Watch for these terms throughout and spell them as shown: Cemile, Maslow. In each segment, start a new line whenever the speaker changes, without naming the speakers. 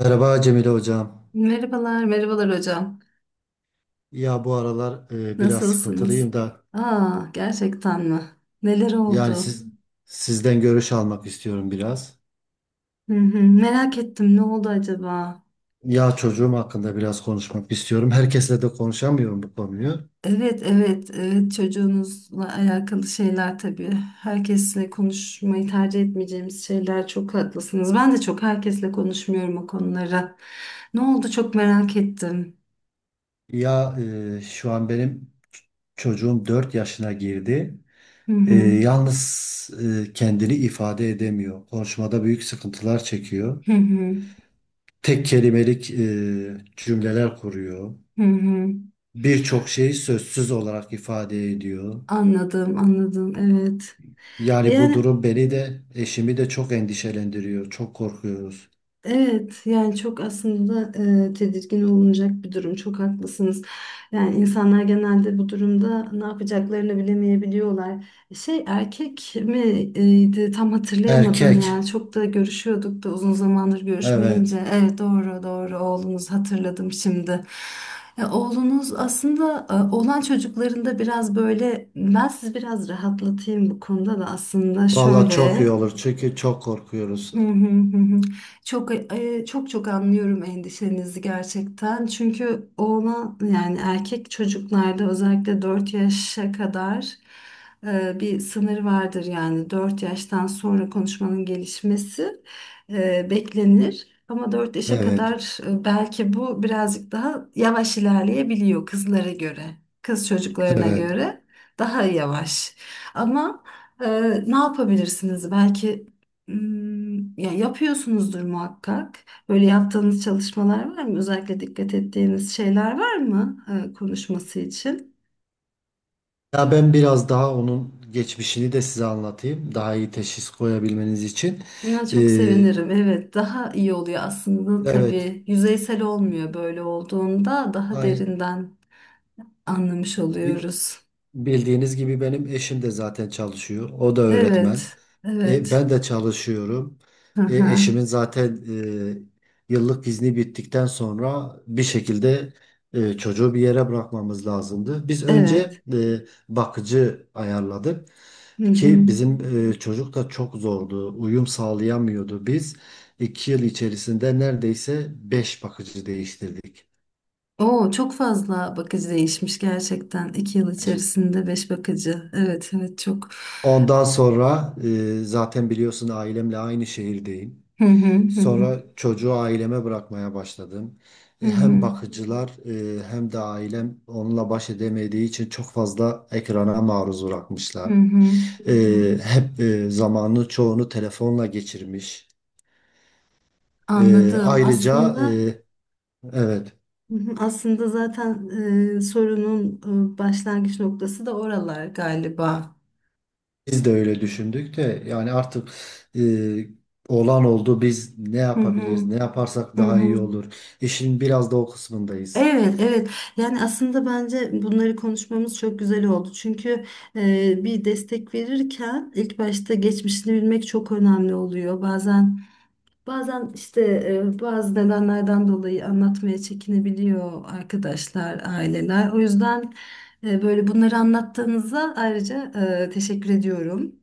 Merhaba Cemile Hocam.
Merhabalar, merhabalar hocam.
Ya bu aralar biraz
Nasılsınız?
sıkıntılıyım da
Aa, gerçekten mi? Neler
yani
oldu?
sizden görüş almak istiyorum biraz.
Hı hı, merak ettim, ne oldu acaba?
Ya çocuğum hakkında biraz konuşmak istiyorum. Herkesle de konuşamıyorum bu konuyu.
Evet, evet, evet. Çocuğunuzla alakalı şeyler tabii. Herkesle konuşmayı tercih etmeyeceğimiz şeyler. Çok haklısınız. Ben de çok herkesle konuşmuyorum o konuları. Ne oldu? Çok merak ettim.
Ya şu an benim çocuğum 4 yaşına girdi.
Hı hı,
Yalnız kendini ifade edemiyor. Konuşmada büyük sıkıntılar çekiyor.
hı hı,
Tek kelimelik cümleler kuruyor.
hı hı.
Birçok şeyi sözsüz olarak ifade ediyor.
Anladım, anladım. Evet.
Yani bu
Yani
durum beni de eşimi de çok endişelendiriyor. Çok korkuyoruz.
Evet, yani çok aslında tedirgin olunacak bir durum, çok haklısınız. Yani insanlar genelde bu durumda ne yapacaklarını bilemeyebiliyorlar. Erkek miydi, tam hatırlayamadım ya,
Erkek.
çok da görüşüyorduk da uzun zamandır
Evet.
görüşmeyince. Evet, doğru doğru, oğlunuz, hatırladım şimdi. Oğlunuz aslında, olan çocuklarında biraz böyle, ben sizi biraz rahatlatayım bu konuda da, aslında
Valla çok iyi
şöyle.
olur çünkü çok korkuyoruz.
Hı hı, hı hı. Çok çok çok anlıyorum endişenizi gerçekten. Çünkü ona, yani erkek çocuklarda özellikle 4 yaşa kadar bir sınır vardır, yani 4 yaştan sonra konuşmanın gelişmesi beklenir. Ama 4 yaşa
Evet.
kadar belki bu birazcık daha yavaş ilerleyebiliyor kızlara göre, kız çocuklarına
Evet.
göre daha yavaş. Ama ee, ne yapabilirsiniz? Ya yapıyorsunuzdur muhakkak. Böyle yaptığınız çalışmalar var mı? Özellikle dikkat ettiğiniz şeyler var mı konuşması için?
Ya ben biraz daha onun geçmişini de size anlatayım. Daha iyi teşhis koyabilmeniz için.
Ya çok
Ee,
sevinirim. Evet, daha iyi oluyor aslında
evet.
tabii. Yüzeysel olmuyor böyle olduğunda, daha
Aynı,
derinden anlamış
bi-
oluyoruz.
bildiğiniz gibi benim eşim de zaten çalışıyor. O da öğretmen.
Evet. Evet.
Ben de çalışıyorum.
Hı hı.
Eşimin zaten yıllık izni bittikten sonra bir şekilde çocuğu bir yere bırakmamız lazımdı. Biz
Evet.
önce bakıcı ayarladık
Hı hı.
ki bizim çocuk da çok zordu. Uyum sağlayamıyordu. Biz 2 yıl içerisinde neredeyse 5 bakıcı değiştirdik.
Oo, çok fazla bakıcı değişmiş gerçekten. İki yıl içerisinde beş bakıcı. Evet, evet, çok.
Ondan sonra zaten biliyorsun ailemle aynı şehirdeyim.
Hı hı, hı hı.
Sonra çocuğu aileme bırakmaya başladım.
Hı
Hem
hı.
bakıcılar hem de ailem onunla baş edemediği için çok fazla ekrana maruz
Hı
bırakmışlar.
hı,
E, Hep zamanı çoğunu telefonla geçirmiş. E,
anladım.
Ayrıca e,
Aslında,
evet,
hı hı, aslında zaten sorunun başlangıç noktası da oralar galiba.
biz de öyle düşündük de yani artık olan oldu, biz ne
Hı hı,
yapabiliriz, ne yaparsak
hı
daha iyi
hı.
olur. İşin biraz da o kısmındayız.
Evet, evet. Yani aslında bence bunları konuşmamız çok güzel oldu. Çünkü bir destek verirken ilk başta geçmişini bilmek çok önemli oluyor. Bazen, işte bazı nedenlerden dolayı anlatmaya çekinebiliyor arkadaşlar, aileler. O yüzden böyle bunları anlattığınıza ayrıca teşekkür ediyorum.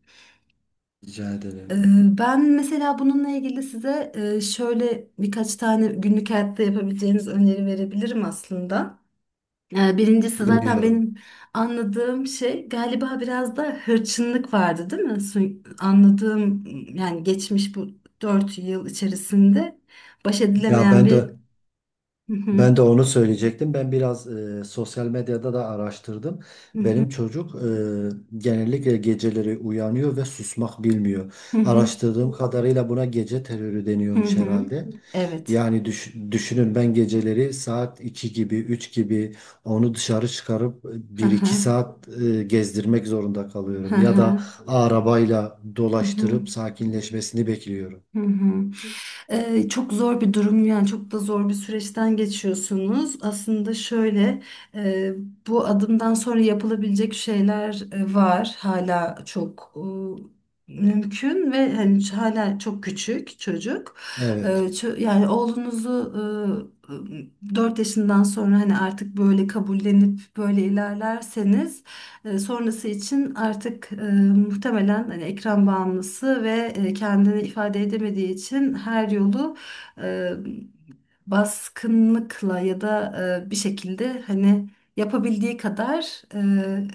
Rica
E,
ederim.
Ben mesela bununla ilgili size şöyle birkaç tane günlük hayatta yapabileceğiniz öneri verebilirim aslında. Birincisi, zaten
Dinliyorum.
benim anladığım şey galiba biraz da hırçınlık vardı, değil mi? Anladığım, yani geçmiş bu dört yıl içerisinde baş
Ya
edilemeyen
ben
bir...
de
Hı hı,
Ben de onu söyleyecektim. Ben biraz sosyal medyada da araştırdım.
hı hı,
Benim çocuk genellikle geceleri uyanıyor ve susmak bilmiyor.
hı hı,
Araştırdığım kadarıyla buna gece terörü
hı
deniyormuş
hı.
herhalde.
Evet.
Yani düşünün, ben geceleri saat 2 gibi, 3 gibi onu dışarı çıkarıp
Hı
1-2
hı,
saat gezdirmek zorunda
hı
kalıyorum. Ya da
hı,
arabayla
hı hı,
dolaştırıp sakinleşmesini bekliyorum.
hı hı. Çok zor bir durum, yani çok da zor bir süreçten geçiyorsunuz. Aslında şöyle, e, bu adımdan sonra yapılabilecek şeyler var. Hala çok mümkün ve hani, hala çok küçük çocuk. Ee,
Evet,
ço- yani oğlunuzu 4 yaşından sonra hani artık böyle kabullenip böyle ilerlerseniz, sonrası için artık, muhtemelen hani ekran bağımlısı ve kendini ifade edemediği için her yolu e, baskınlıkla ya da bir şekilde hani, yapabildiği kadar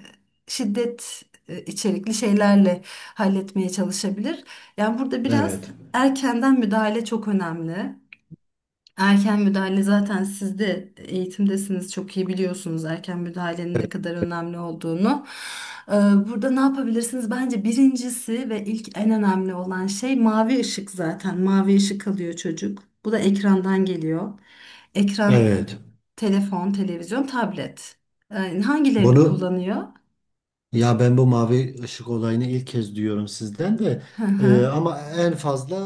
şiddet içerikli şeylerle halletmeye çalışabilir. Yani burada biraz
evet,
erkenden müdahale çok önemli. Erken müdahale, zaten siz de eğitimdesiniz, çok iyi biliyorsunuz erken müdahalenin ne kadar önemli olduğunu. Ee, Burada ne yapabilirsiniz? Bence birincisi ve ilk en önemli olan şey mavi ışık zaten. Mavi ışık alıyor çocuk. Bu da ekrandan geliyor. Ekran,
evet.
telefon, televizyon, tablet. Hangilerini
Bunu
kullanıyor?
Ya ben bu mavi ışık olayını ilk kez duyuyorum sizden de. Ama en fazla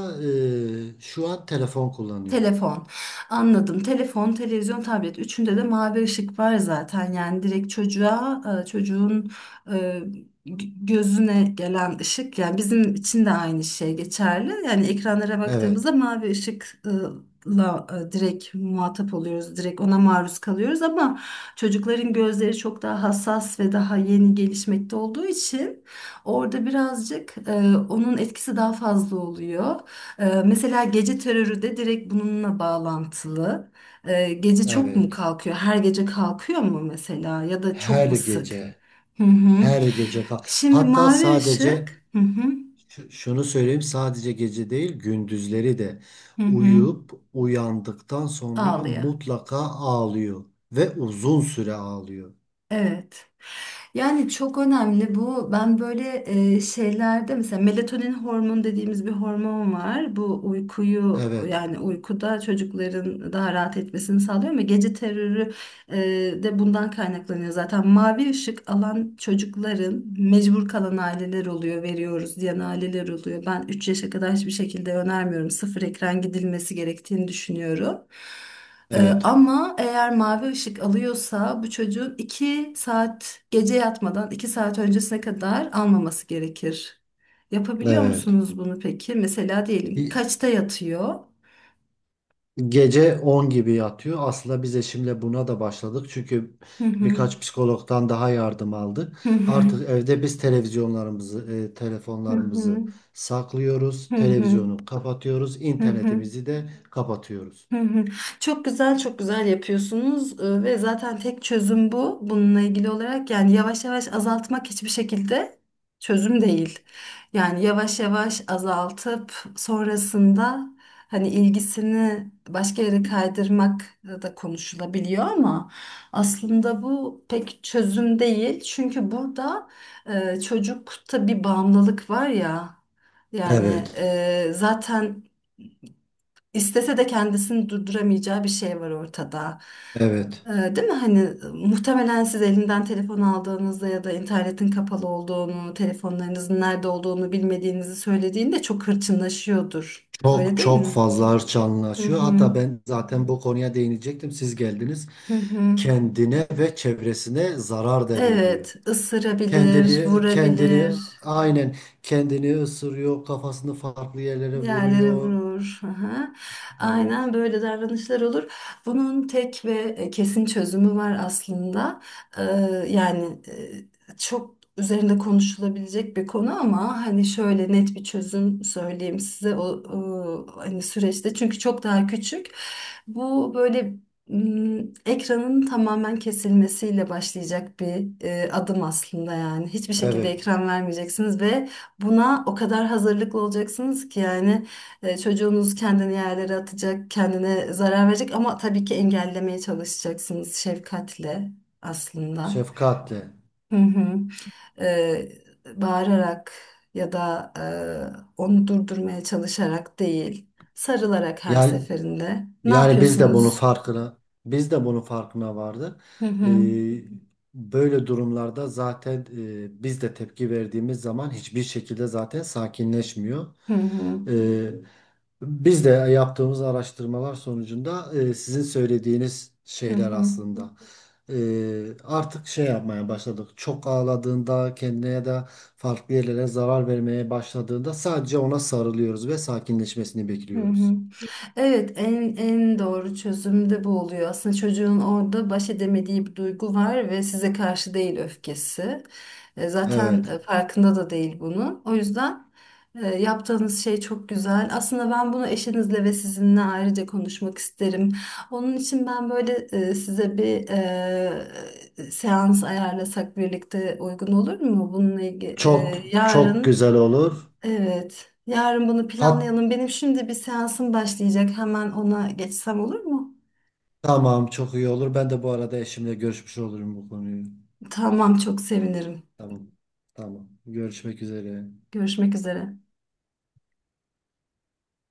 şu an telefon kullanıyor.
Telefon. Anladım. Telefon, televizyon, tablet. Üçünde de mavi ışık var zaten. Yani direkt çocuğa, çocuğun e, gözüne gelen ışık. Yani bizim için de aynı şey geçerli. Yani ekranlara
Evet,
baktığımızda mavi ışıkla direkt muhatap oluyoruz. Direkt ona maruz kalıyoruz, ama çocukların gözleri çok daha hassas ve daha yeni gelişmekte olduğu için orada birazcık, onun etkisi daha fazla oluyor. Mesela gece terörü de direkt bununla bağlantılı. Gece çok mu
evet.
kalkıyor? Her gece kalkıyor mu mesela? Ya da çok
Her
mu sık?
gece,
Hı hı.
her gece.
Şimdi
Hatta
mavi
sadece,
ışık. Hı hı.
şunu söyleyeyim, sadece gece değil, gündüzleri de
Hı hı.
uyuyup uyandıktan sonra
Ağlıyor.
mutlaka ağlıyor ve uzun süre ağlıyor.
Evet. Yani çok önemli bu. Ben böyle şeylerde mesela melatonin hormonu dediğimiz bir hormon var. Bu uykuyu,
Evet,
yani uykuda çocukların daha rahat etmesini sağlıyor, ama gece terörü e, de bundan kaynaklanıyor zaten. Mavi ışık alan çocukların mecbur kalan aileler oluyor, veriyoruz diyen aileler oluyor. Ben 3 yaşa kadar hiçbir şekilde önermiyorum. Sıfır ekran gidilmesi gerektiğini düşünüyorum. Ee,
evet,
Ama eğer mavi ışık alıyorsa bu çocuğun 2 saat, gece yatmadan 2 saat öncesine kadar almaması gerekir. Yapabiliyor
evet.
musunuz bunu peki? Mesela diyelim kaçta yatıyor?
Gece 10 gibi yatıyor. Aslında biz eşimle buna da başladık. Çünkü
Hı hı.
birkaç psikologdan daha yardım aldık.
Hı hı.
Artık evde biz televizyonlarımızı,
Hı hı.
telefonlarımızı saklıyoruz.
Hı hı.
Televizyonu kapatıyoruz.
Hı hı.
İnternetimizi de kapatıyoruz.
Hı hı. Çok güzel, çok güzel yapıyorsunuz. Ve zaten tek çözüm bu. Bununla ilgili olarak, yani yavaş yavaş azaltmak hiçbir şekilde çözüm değil. Yani yavaş yavaş azaltıp sonrasında hani ilgisini başka yere kaydırmak da konuşulabiliyor, ama aslında bu pek çözüm değil. Çünkü burada çocukta bir bağımlılık var ya. Yani
Evet.
zaten İstese de kendisini durduramayacağı bir şey var ortada.
Evet.
Ee, Değil mi? Hani muhtemelen siz elinden telefon aldığınızda ya da internetin kapalı olduğunu, telefonlarınızın nerede olduğunu bilmediğinizi söylediğinde çok hırçınlaşıyordur. Öyle
Çok
değil
çok
mi?
fazla
Hı
hırçanlaşıyor.
hı.
Hatta ben zaten bu konuya değinecektim. Siz geldiniz.
Hı hı.
Kendine ve çevresine zarar da veriyor.
Evet, ısırabilir,
Kendini
vurabilir.
aynen kendini ısırıyor, kafasını farklı yerlere
Yerlere
vuruyor.
vurur. Aha.
Evet.
Aynen böyle davranışlar olur. Bunun tek ve kesin çözümü var aslında. Ee, Yani çok üzerinde konuşulabilecek bir konu, ama hani şöyle net bir çözüm söyleyeyim size, o hani süreçte, çünkü çok daha küçük. Bu böyle, ekranın tamamen kesilmesiyle başlayacak bir adım aslında, yani. Hiçbir şekilde
Evet,
ekran vermeyeceksiniz ve buna o kadar hazırlıklı olacaksınız ki, yani çocuğunuz kendini yerlere atacak, kendine zarar verecek, ama tabii ki engellemeye çalışacaksınız, şefkatle aslında.
şefkatle.
Hı hı. E, Bağırarak ya da onu durdurmaya çalışarak değil, sarılarak her
Yani
seferinde. Ne
Yani biz de bunun
yapıyorsunuz?
farkına biz de bunun farkına vardık.
Hı hı.
Ee, Böyle durumlarda zaten biz de tepki verdiğimiz zaman hiçbir şekilde zaten sakinleşmiyor.
Hı hı.
Ee, Biz de yaptığımız araştırmalar sonucunda sizin söylediğiniz
Hı
şeyler
hı.
aslında. Artık şey yapmaya başladık. Çok ağladığında kendine ya da farklı yerlere zarar vermeye başladığında sadece ona sarılıyoruz ve sakinleşmesini
Hı hı.
bekliyoruz.
Evet, en doğru çözüm de bu oluyor. Aslında çocuğun orada baş edemediği bir duygu var ve size karşı değil öfkesi. Zaten
Evet.
farkında da değil bunun. O yüzden yaptığınız şey çok güzel. Aslında ben bunu eşinizle ve sizinle ayrıca konuşmak isterim. Onun için ben böyle size bir seans ayarlasak birlikte, uygun olur mu? Bununla
Çok
ilgili
çok
yarın.
güzel olur.
Evet. Yarın bunu
Hat
planlayalım. Benim şimdi bir seansım başlayacak. Hemen ona geçsem olur mu?
tamam, çok iyi olur. Ben de bu arada eşimle görüşmüş olurum bu konuyu.
Tamam, çok sevinirim.
Tamam. Tamam. Görüşmek üzere.
Görüşmek üzere.